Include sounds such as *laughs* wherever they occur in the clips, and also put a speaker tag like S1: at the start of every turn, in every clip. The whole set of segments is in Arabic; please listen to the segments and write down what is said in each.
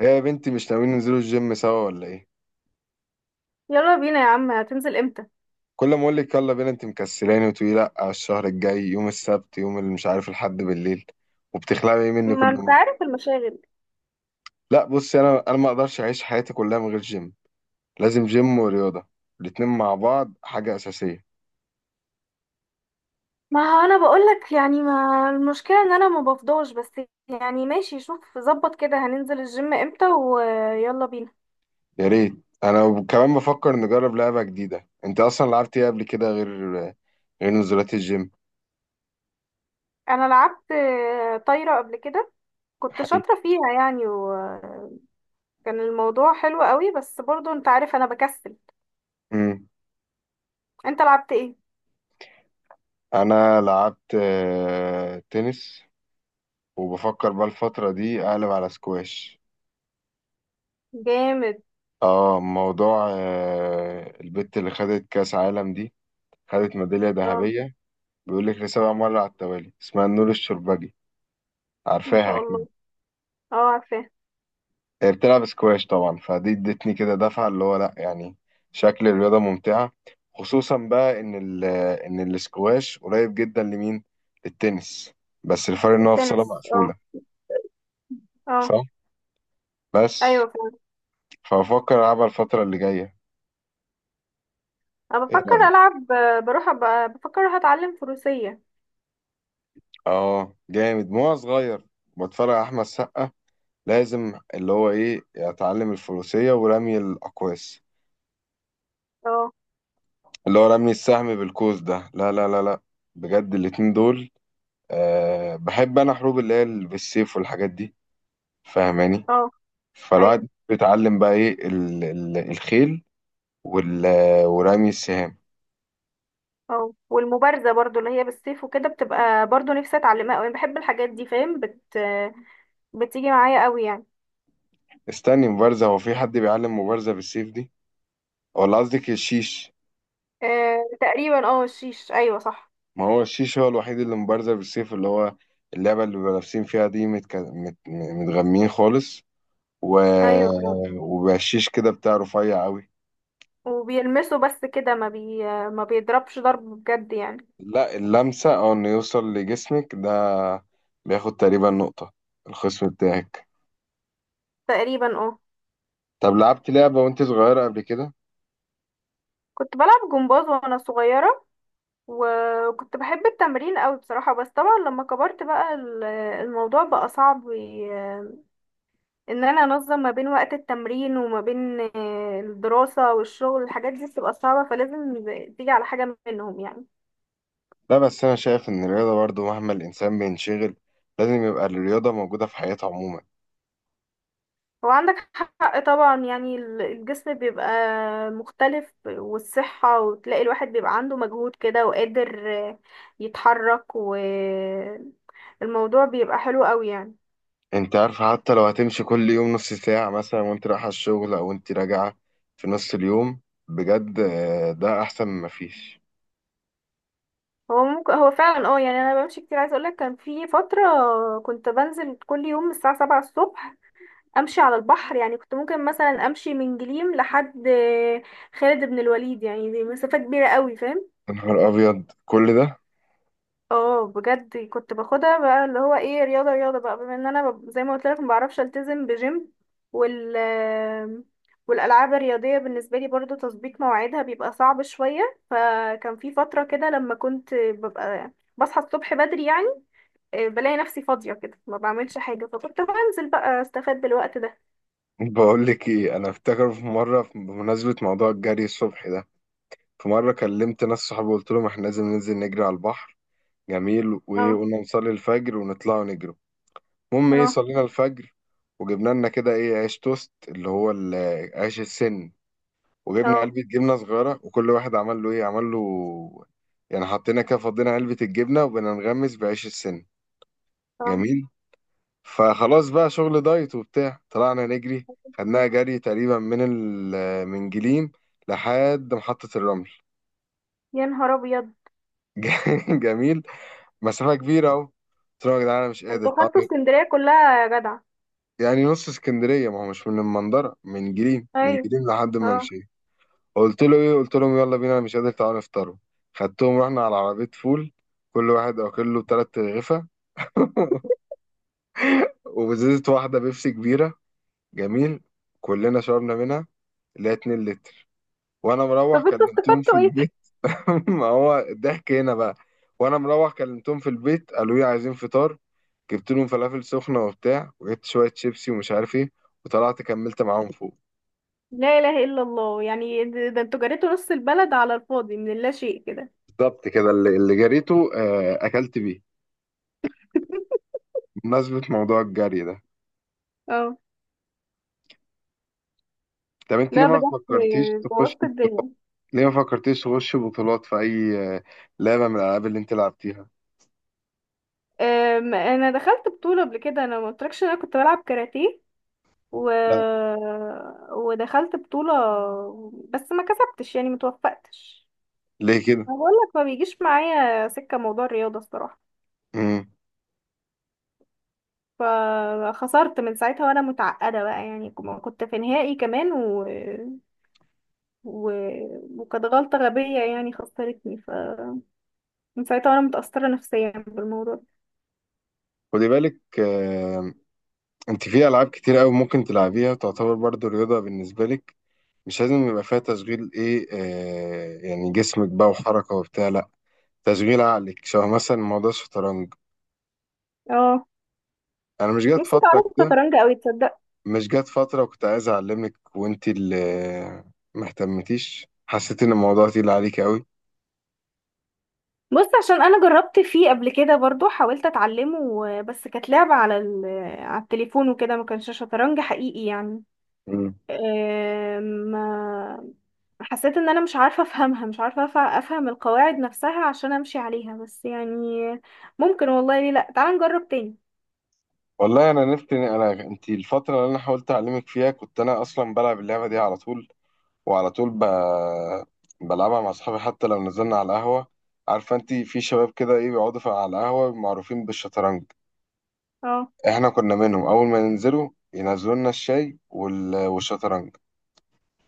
S1: هي يا بنتي مش ناويين ننزلوا الجيم سوا ولا ايه؟
S2: يلا بينا يا عم، هتنزل امتى؟
S1: كل ما اقول لك يلا بينا انت مكسلاني وتقولي لا، على الشهر الجاي يوم السبت يوم اللي مش عارف الحد بالليل. وبتخلعي ايه مني
S2: ما
S1: كل
S2: انت
S1: مره؟
S2: عارف المشاغل.
S1: لا بصي، انا ما اقدرش اعيش حياتي كلها من غير جيم. لازم جيم ورياضه، الاتنين مع بعض حاجه اساسيه.
S2: ما هو انا بقولك يعني، ما المشكلة ان انا ما بفضاش بس. يعني ماشي، شوف ظبط كده هننزل الجيم امتى ويلا بينا.
S1: يا ريت. انا كمان بفكر نجرب لعبه جديده، انت اصلا لعبت ايه قبل كده غير نزولات الجيم؟
S2: انا لعبت طايرة قبل كده. كنت
S1: حلو.
S2: شاطرة فيها يعني، وكان الموضوع حلو قوي بس برضو انت عارف انا بكسل.
S1: مم.
S2: انت لعبت ايه؟
S1: انا لعبت تنس. وبفكر بقى الفتره دي اقلب على سكواش.
S2: جامد.
S1: اه موضوع البت اللي خدت كأس عالم دي، خدت ميدالية
S2: اه.
S1: ذهبية. بيقول لك لسبع مرة على التوالي، اسمها نور الشربجي.
S2: ما
S1: عارفاها
S2: شاء
S1: أكيد.
S2: الله. اه عارفاه.
S1: هي بتلعب سكواش طبعا، فدي ادتني كده دفعة اللي هو لأ يعني شكل الرياضة ممتعة. خصوصا بقى إن السكواش قريب جدا لمين؟ للتنس. بس الفرق إن هو في صالة
S2: تنس، اه.
S1: مقفولة.
S2: اه.
S1: صح؟ بس.
S2: ايوه فعلا.
S1: فأفكر ألعبها الفترة اللي جاية.
S2: انا
S1: إيه
S2: بفكر
S1: رأيك؟
S2: العب بروح أبقى بفكر هتعلم فروسية.
S1: آه جامد، ما هو صغير بتفرج على أحمد سقا، لازم اللي هو ايه اتعلم الفروسية ورمي الاقواس،
S2: اه.
S1: اللي هو رمي السهم بالقوس ده. لا لا لا لا، بجد الاتنين دول. أه بحب انا حروب، اللي هي بالسيف والحاجات دي، فاهماني؟
S2: اه. ايوه.
S1: فالواحد بيتعلم بقى ايه ال ال الخيل وال ورمي السهام.
S2: اه. والمبارزه برضو اللي هي بالسيف وكده، بتبقى برضو نفسي اتعلمها قوي، بحب الحاجات دي فاهم. بتيجي معايا قوي يعني.
S1: استني، مبارزة؟ هو في حد بيعلم مبارزة بالسيف دي؟ ولا قصدك الشيش؟
S2: آه تقريبا، اه الشيش، ايوه صح.
S1: ما هو الشيش هو الوحيد اللي مبارزة بالسيف، اللي هو اللعبة اللي بيبقوا لابسين فيها دي متغمين خالص و...
S2: ايوه فعلا.
S1: وبقشيش كده بتاع رفيع قوي.
S2: وبيلمسوا بس كده، ما بيضربش ضرب بجد يعني.
S1: لا اللمسة او انه يوصل لجسمك ده بياخد تقريبا نقطة، الخصم بتاعك.
S2: تقريبا، اه.
S1: طب لعبت لعبة وانت صغيرة قبل كده؟
S2: كنت بلعب جمباز وانا صغيره، وكنت بحب التمرين قوي بصراحه. بس طبعا لما كبرت بقى، الموضوع بقى صعب ان انا انظم ما بين وقت التمرين وما بين الدراسة والشغل، الحاجات دي بتبقى صعبة، فلازم تيجي على حاجة منهم يعني.
S1: لا بس انا شايف ان الرياضة برضو مهما الانسان بينشغل، لازم يبقى الرياضة موجودة في حياته عموما.
S2: هو عندك حق طبعا، يعني الجسم بيبقى مختلف والصحة، وتلاقي الواحد بيبقى عنده مجهود كده وقادر آه، يتحرك، والموضوع بيبقى حلو قوي يعني.
S1: انت عارفة، حتى لو هتمشي كل يوم نص ساعة مثلا وانت رايحة الشغل او انت راجعة في نص اليوم، بجد ده احسن ما فيش.
S2: هو ممكن، هو فعلا اه يعني. انا بمشي كتير، عايزه اقولك كان في فتره كنت بنزل كل يوم الساعه 7 الصبح امشي على البحر، يعني كنت ممكن مثلا امشي من جليم لحد خالد بن الوليد، يعني دي مسافة كبيرة قوي فاهم.
S1: يا نهار ابيض كل ده.
S2: اه بجد، كنت باخدها بقى اللي هو ايه، رياضة رياضة بقى، بما ان انا زي ما قلت لك ما بعرفش التزم بجيم. وال والالعاب الرياضية بالنسبة لي برضو تظبيط مواعيدها بيبقى صعب شوية. فكان في فترة كده لما كنت ببقى بصحى الصبح بدري يعني، بلاقي نفسي فاضية كده ما بعملش حاجة، فكنت بنزل بقى استفاد بالوقت ده.
S1: بقول لك ايه، انا افتكر في مره بمناسبه موضوع الجري الصبح ده، في مره كلمت ناس صحابي وقلت لهم احنا لازم ننزل نجري على البحر. جميل، وايه،
S2: اه.
S1: قلنا نصلي الفجر ونطلع نجري. المهم ايه،
S2: اه.
S1: صلينا الفجر وجبنا لنا كده ايه، عيش توست، اللي هو عيش السن. وجبنا
S2: اه.
S1: علبه جبنه صغيره وكل واحد عمل له ايه، عمل له يعني، حطينا كده فضينا علبه الجبنه وبنغمس بعيش السن.
S2: اه.
S1: جميل. فخلاص بقى شغل دايت وبتاع، طلعنا نجري. خدناها جري تقريبا من جليم لحد محطة الرمل.
S2: يا نهار ابيض.
S1: *laughs* جميل. مسافة كبيرة أهو، قلت لهم يا جدعان أنا مش
S2: ده
S1: قادر
S2: انتوا خدتوا
S1: طبعاً.
S2: اسكندريه كلها يا جدع.
S1: يعني نص اسكندرية، ما هو مش من المنظرة، من جليم من
S2: ايوه.
S1: جليم لحد ما
S2: اه.
S1: مشيت. قلت له إيه، قلت لهم يلا بينا أنا مش قادر، تعالوا نفطروا. خدتهم رحنا على عربية فول، كل واحد واكل له تلات رغيفة *laughs* وبزازة واحدة بيبسي كبيرة. جميل، كلنا شربنا منها، اللي هي 2 لتر. وانا مروح
S2: طب انتوا
S1: كلمتهم في
S2: استفدتوا ايه؟
S1: البيت. *laughs* ما هو الضحك هنا بقى، وانا مروح كلمتهم في البيت قالوا لي عايزين فطار. جبت لهم فلافل سخنه وبتاع، وجبت شويه شيبسي ومش عارف ايه، وطلعت كملت معاهم فوق.
S2: لا اله الا الله، يعني ده انتوا جريتوا نص البلد على الفاضي من اللا شيء كده.
S1: بالظبط كده، اللي جريته اكلت بيه بمناسبه موضوع الجري ده.
S2: اه.
S1: طب انت ليه
S2: لا
S1: ما
S2: بجد،
S1: فكرتيش تخش،
S2: بوظت الدنيا.
S1: ليه ما فكرتيش تخش بطولات في اي لعبه من الالعاب اللي انت لعبتيها؟
S2: انا دخلت بطوله قبل كده، انا ما قلتلكش إن انا كنت بلعب كاراتيه و...
S1: لا،
S2: ودخلت بطوله، بس ما كسبتش يعني متوفقتش.
S1: ليه كده؟
S2: انا بقول لك، ما بيجيش معايا سكه موضوع الرياضه الصراحه.
S1: امم.
S2: فخسرت من ساعتها وانا متعقده بقى، يعني كنت في نهائي كمان و... وكانت غلطه غبيه يعني خسرتني، فمن ساعتها وانا متاثره نفسيا بالموضوع ده.
S1: خدي بالك، انت في العاب كتير قوي ممكن تلعبيها تعتبر برضو رياضه بالنسبه لك، مش لازم يبقى فيها تشغيل ايه يعني جسمك بقى وحركه وبتاع، لا تشغيل عقلك شبه مثلا موضوع الشطرنج.
S2: اه.
S1: انا مش جات
S2: نفسي
S1: فتره
S2: اتعلم
S1: كده،
S2: الشطرنج قوي تصدق.
S1: مش جات فتره وكنت عايز اعلمك وانت اللي ما اهتمتيش، حسيت ان الموضوع تقيل عليك قوي.
S2: بص، عشان انا جربت فيه قبل كده برضو، حاولت اتعلمه بس كانت لعبه على على التليفون وكده، ما كانش شطرنج حقيقي يعني.
S1: مم.
S2: ما حسيت ان انا مش عارفة افهمها، مش عارفة افهم القواعد نفسها عشان امشي عليها بس يعني. ممكن والله، ليه لا، تعال نجرب تاني.
S1: والله انا نفت انا انت الفتره اللي انا حاولت اعلمك فيها، كنت انا اصلا بلعب اللعبه دي على طول، وعلى طول ب... بلعبها مع اصحابي حتى لو نزلنا على القهوه. عارفه انت في شباب كده ايه بيقعدوا على القهوه معروفين بالشطرنج؟
S2: اه.
S1: احنا كنا منهم، اول ما ننزلوا ينزلوا لنا الشاي والشطرنج.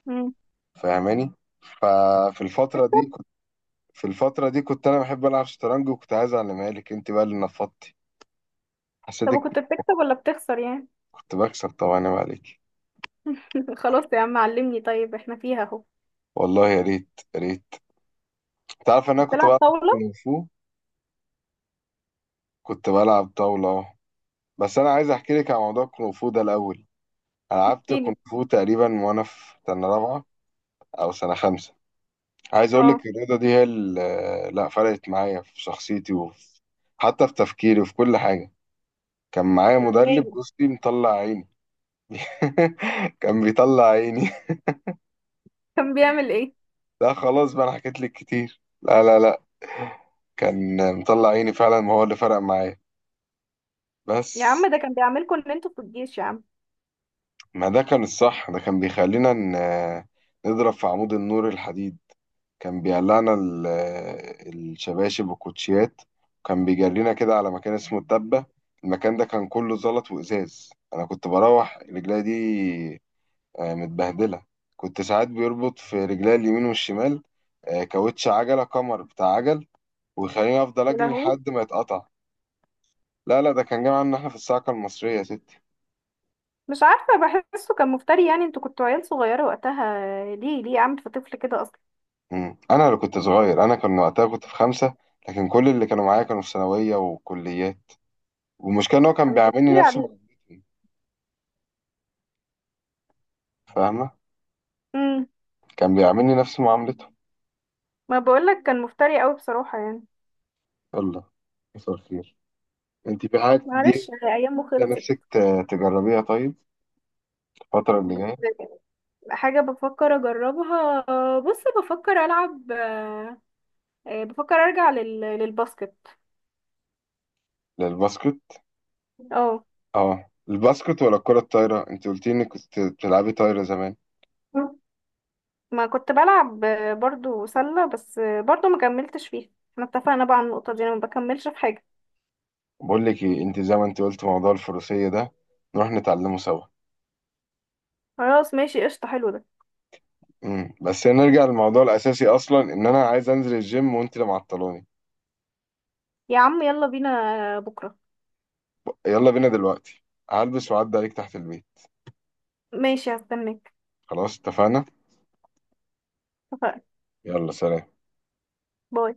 S2: مم.
S1: فاهماني؟ ففي الفتره دي
S2: بتكسب.
S1: كنت في الفتره دي كنت انا بحب العب شطرنج وكنت عايز اعلمها لك، انت بقى اللي نفضتي،
S2: طب
S1: حسيتك كنت.
S2: وكنت بتكسب ولا بتخسر يعني؟
S1: كنت بكسب طبعا، ما عليك.
S2: *laughs* خلاص يا عم علمني طيب، احنا فيها اهو.
S1: والله يا ريت يا ريت. تعرف ان انا كنت
S2: بتلعب
S1: بلعب
S2: طاولة.
S1: كونغ فو، كنت بلعب طاوله أهو. بس انا عايز احكي لك عن موضوع الكونغ فو ده الاول. لعبت
S2: احكيلي.
S1: كونغ فو تقريبا وانا في سنه رابعه او سنه خمسه. عايز اقول
S2: اه.
S1: لك الرياضه دي هي اللي لا فرقت معايا في شخصيتي وفي، حتى في تفكيري وفي كل حاجه. كان معايا
S2: ازاي
S1: مدرب،
S2: بقى؟
S1: بصي، مطلع عيني. *laughs* كان بيطلع عيني.
S2: كان بيعمل ايه؟
S1: *laughs* لا خلاص بقى، انا حكيت لك كتير، لا لا لا. كان مطلع عيني فعلا، ما هو اللي فرق معايا.
S2: يا
S1: بس،
S2: عم ده كان بيعملكوا ان انتوا في الجيش يا عم.
S1: ما ده كان الصح. ده كان بيخلينا نضرب في عمود النور الحديد، كان بيقلعنا الشباشب والكوتشيات، وكان بيجرينا كده على مكان اسمه الدبة. المكان ده كان كله زلط وإزاز، أنا كنت بروح رجلي دي متبهدلة. كنت ساعات بيربط في رجلي اليمين والشمال كاوتش عجلة كمر بتاع عجل ويخليني أفضل
S2: يا
S1: أجري
S2: لهوي.
S1: لحد ما يتقطع. لا لا، ده كان جاي عنا إحنا في الصاعقة المصرية يا ستي.
S2: مش عارفة. بحسه كان مفتري، يعني انتوا كنتوا عيال صغيرة وقتها. ليه ليه عامل في طفل كده اصلا؟
S1: مم. أنا اللي كنت صغير أنا، كان وقتها كنت في خمسة، لكن كل اللي كانوا معايا كانوا في ثانوية وكليات. والمشكلة إن هو كان
S2: كان
S1: بيعاملني
S2: بيفتري
S1: نفس ما،
S2: عليه.
S1: فاهمة؟
S2: امم.
S1: كان بيعاملني نفس معاملته.
S2: ما بقولك كان مفتري قوي بصراحة يعني.
S1: يلا، مساء الخير. انت في حاجة دي
S2: معلش، هي ايامه
S1: انت
S2: خلصت.
S1: نفسك تجربيها طيب الفترة اللي
S2: بت...
S1: جاية؟
S2: حاجة بفكر اجربها، بص بفكر العب بفكر ارجع للباسكت.
S1: للباسكت؟
S2: اه.
S1: اه الباسكت ولا الكرة الطايرة؟ انت قلت لي انك كنت بتلعبي طايرة زمان.
S2: ما كنت بلعب برضو سلة، بس برضو ما كملتش فيها. احنا اتفقنا بقى على النقطة دي، انا ما بكملش في حاجة.
S1: بقول لك ايه، انت زي ما انت قلت موضوع الفروسية ده، نروح نتعلمه سوا.
S2: خلاص ماشي، قشطة، حلو ده.
S1: بس نرجع للموضوع الاساسي اصلا، ان انا عايز انزل الجيم وانت اللي معطلاني.
S2: يا عم يلا بينا بكرة.
S1: يلا بينا دلوقتي، هلبس وعدي عليك تحت البيت.
S2: ماشي هستناك.
S1: خلاص اتفقنا.
S2: اتفقنا.
S1: يلا سلام.
S2: باي.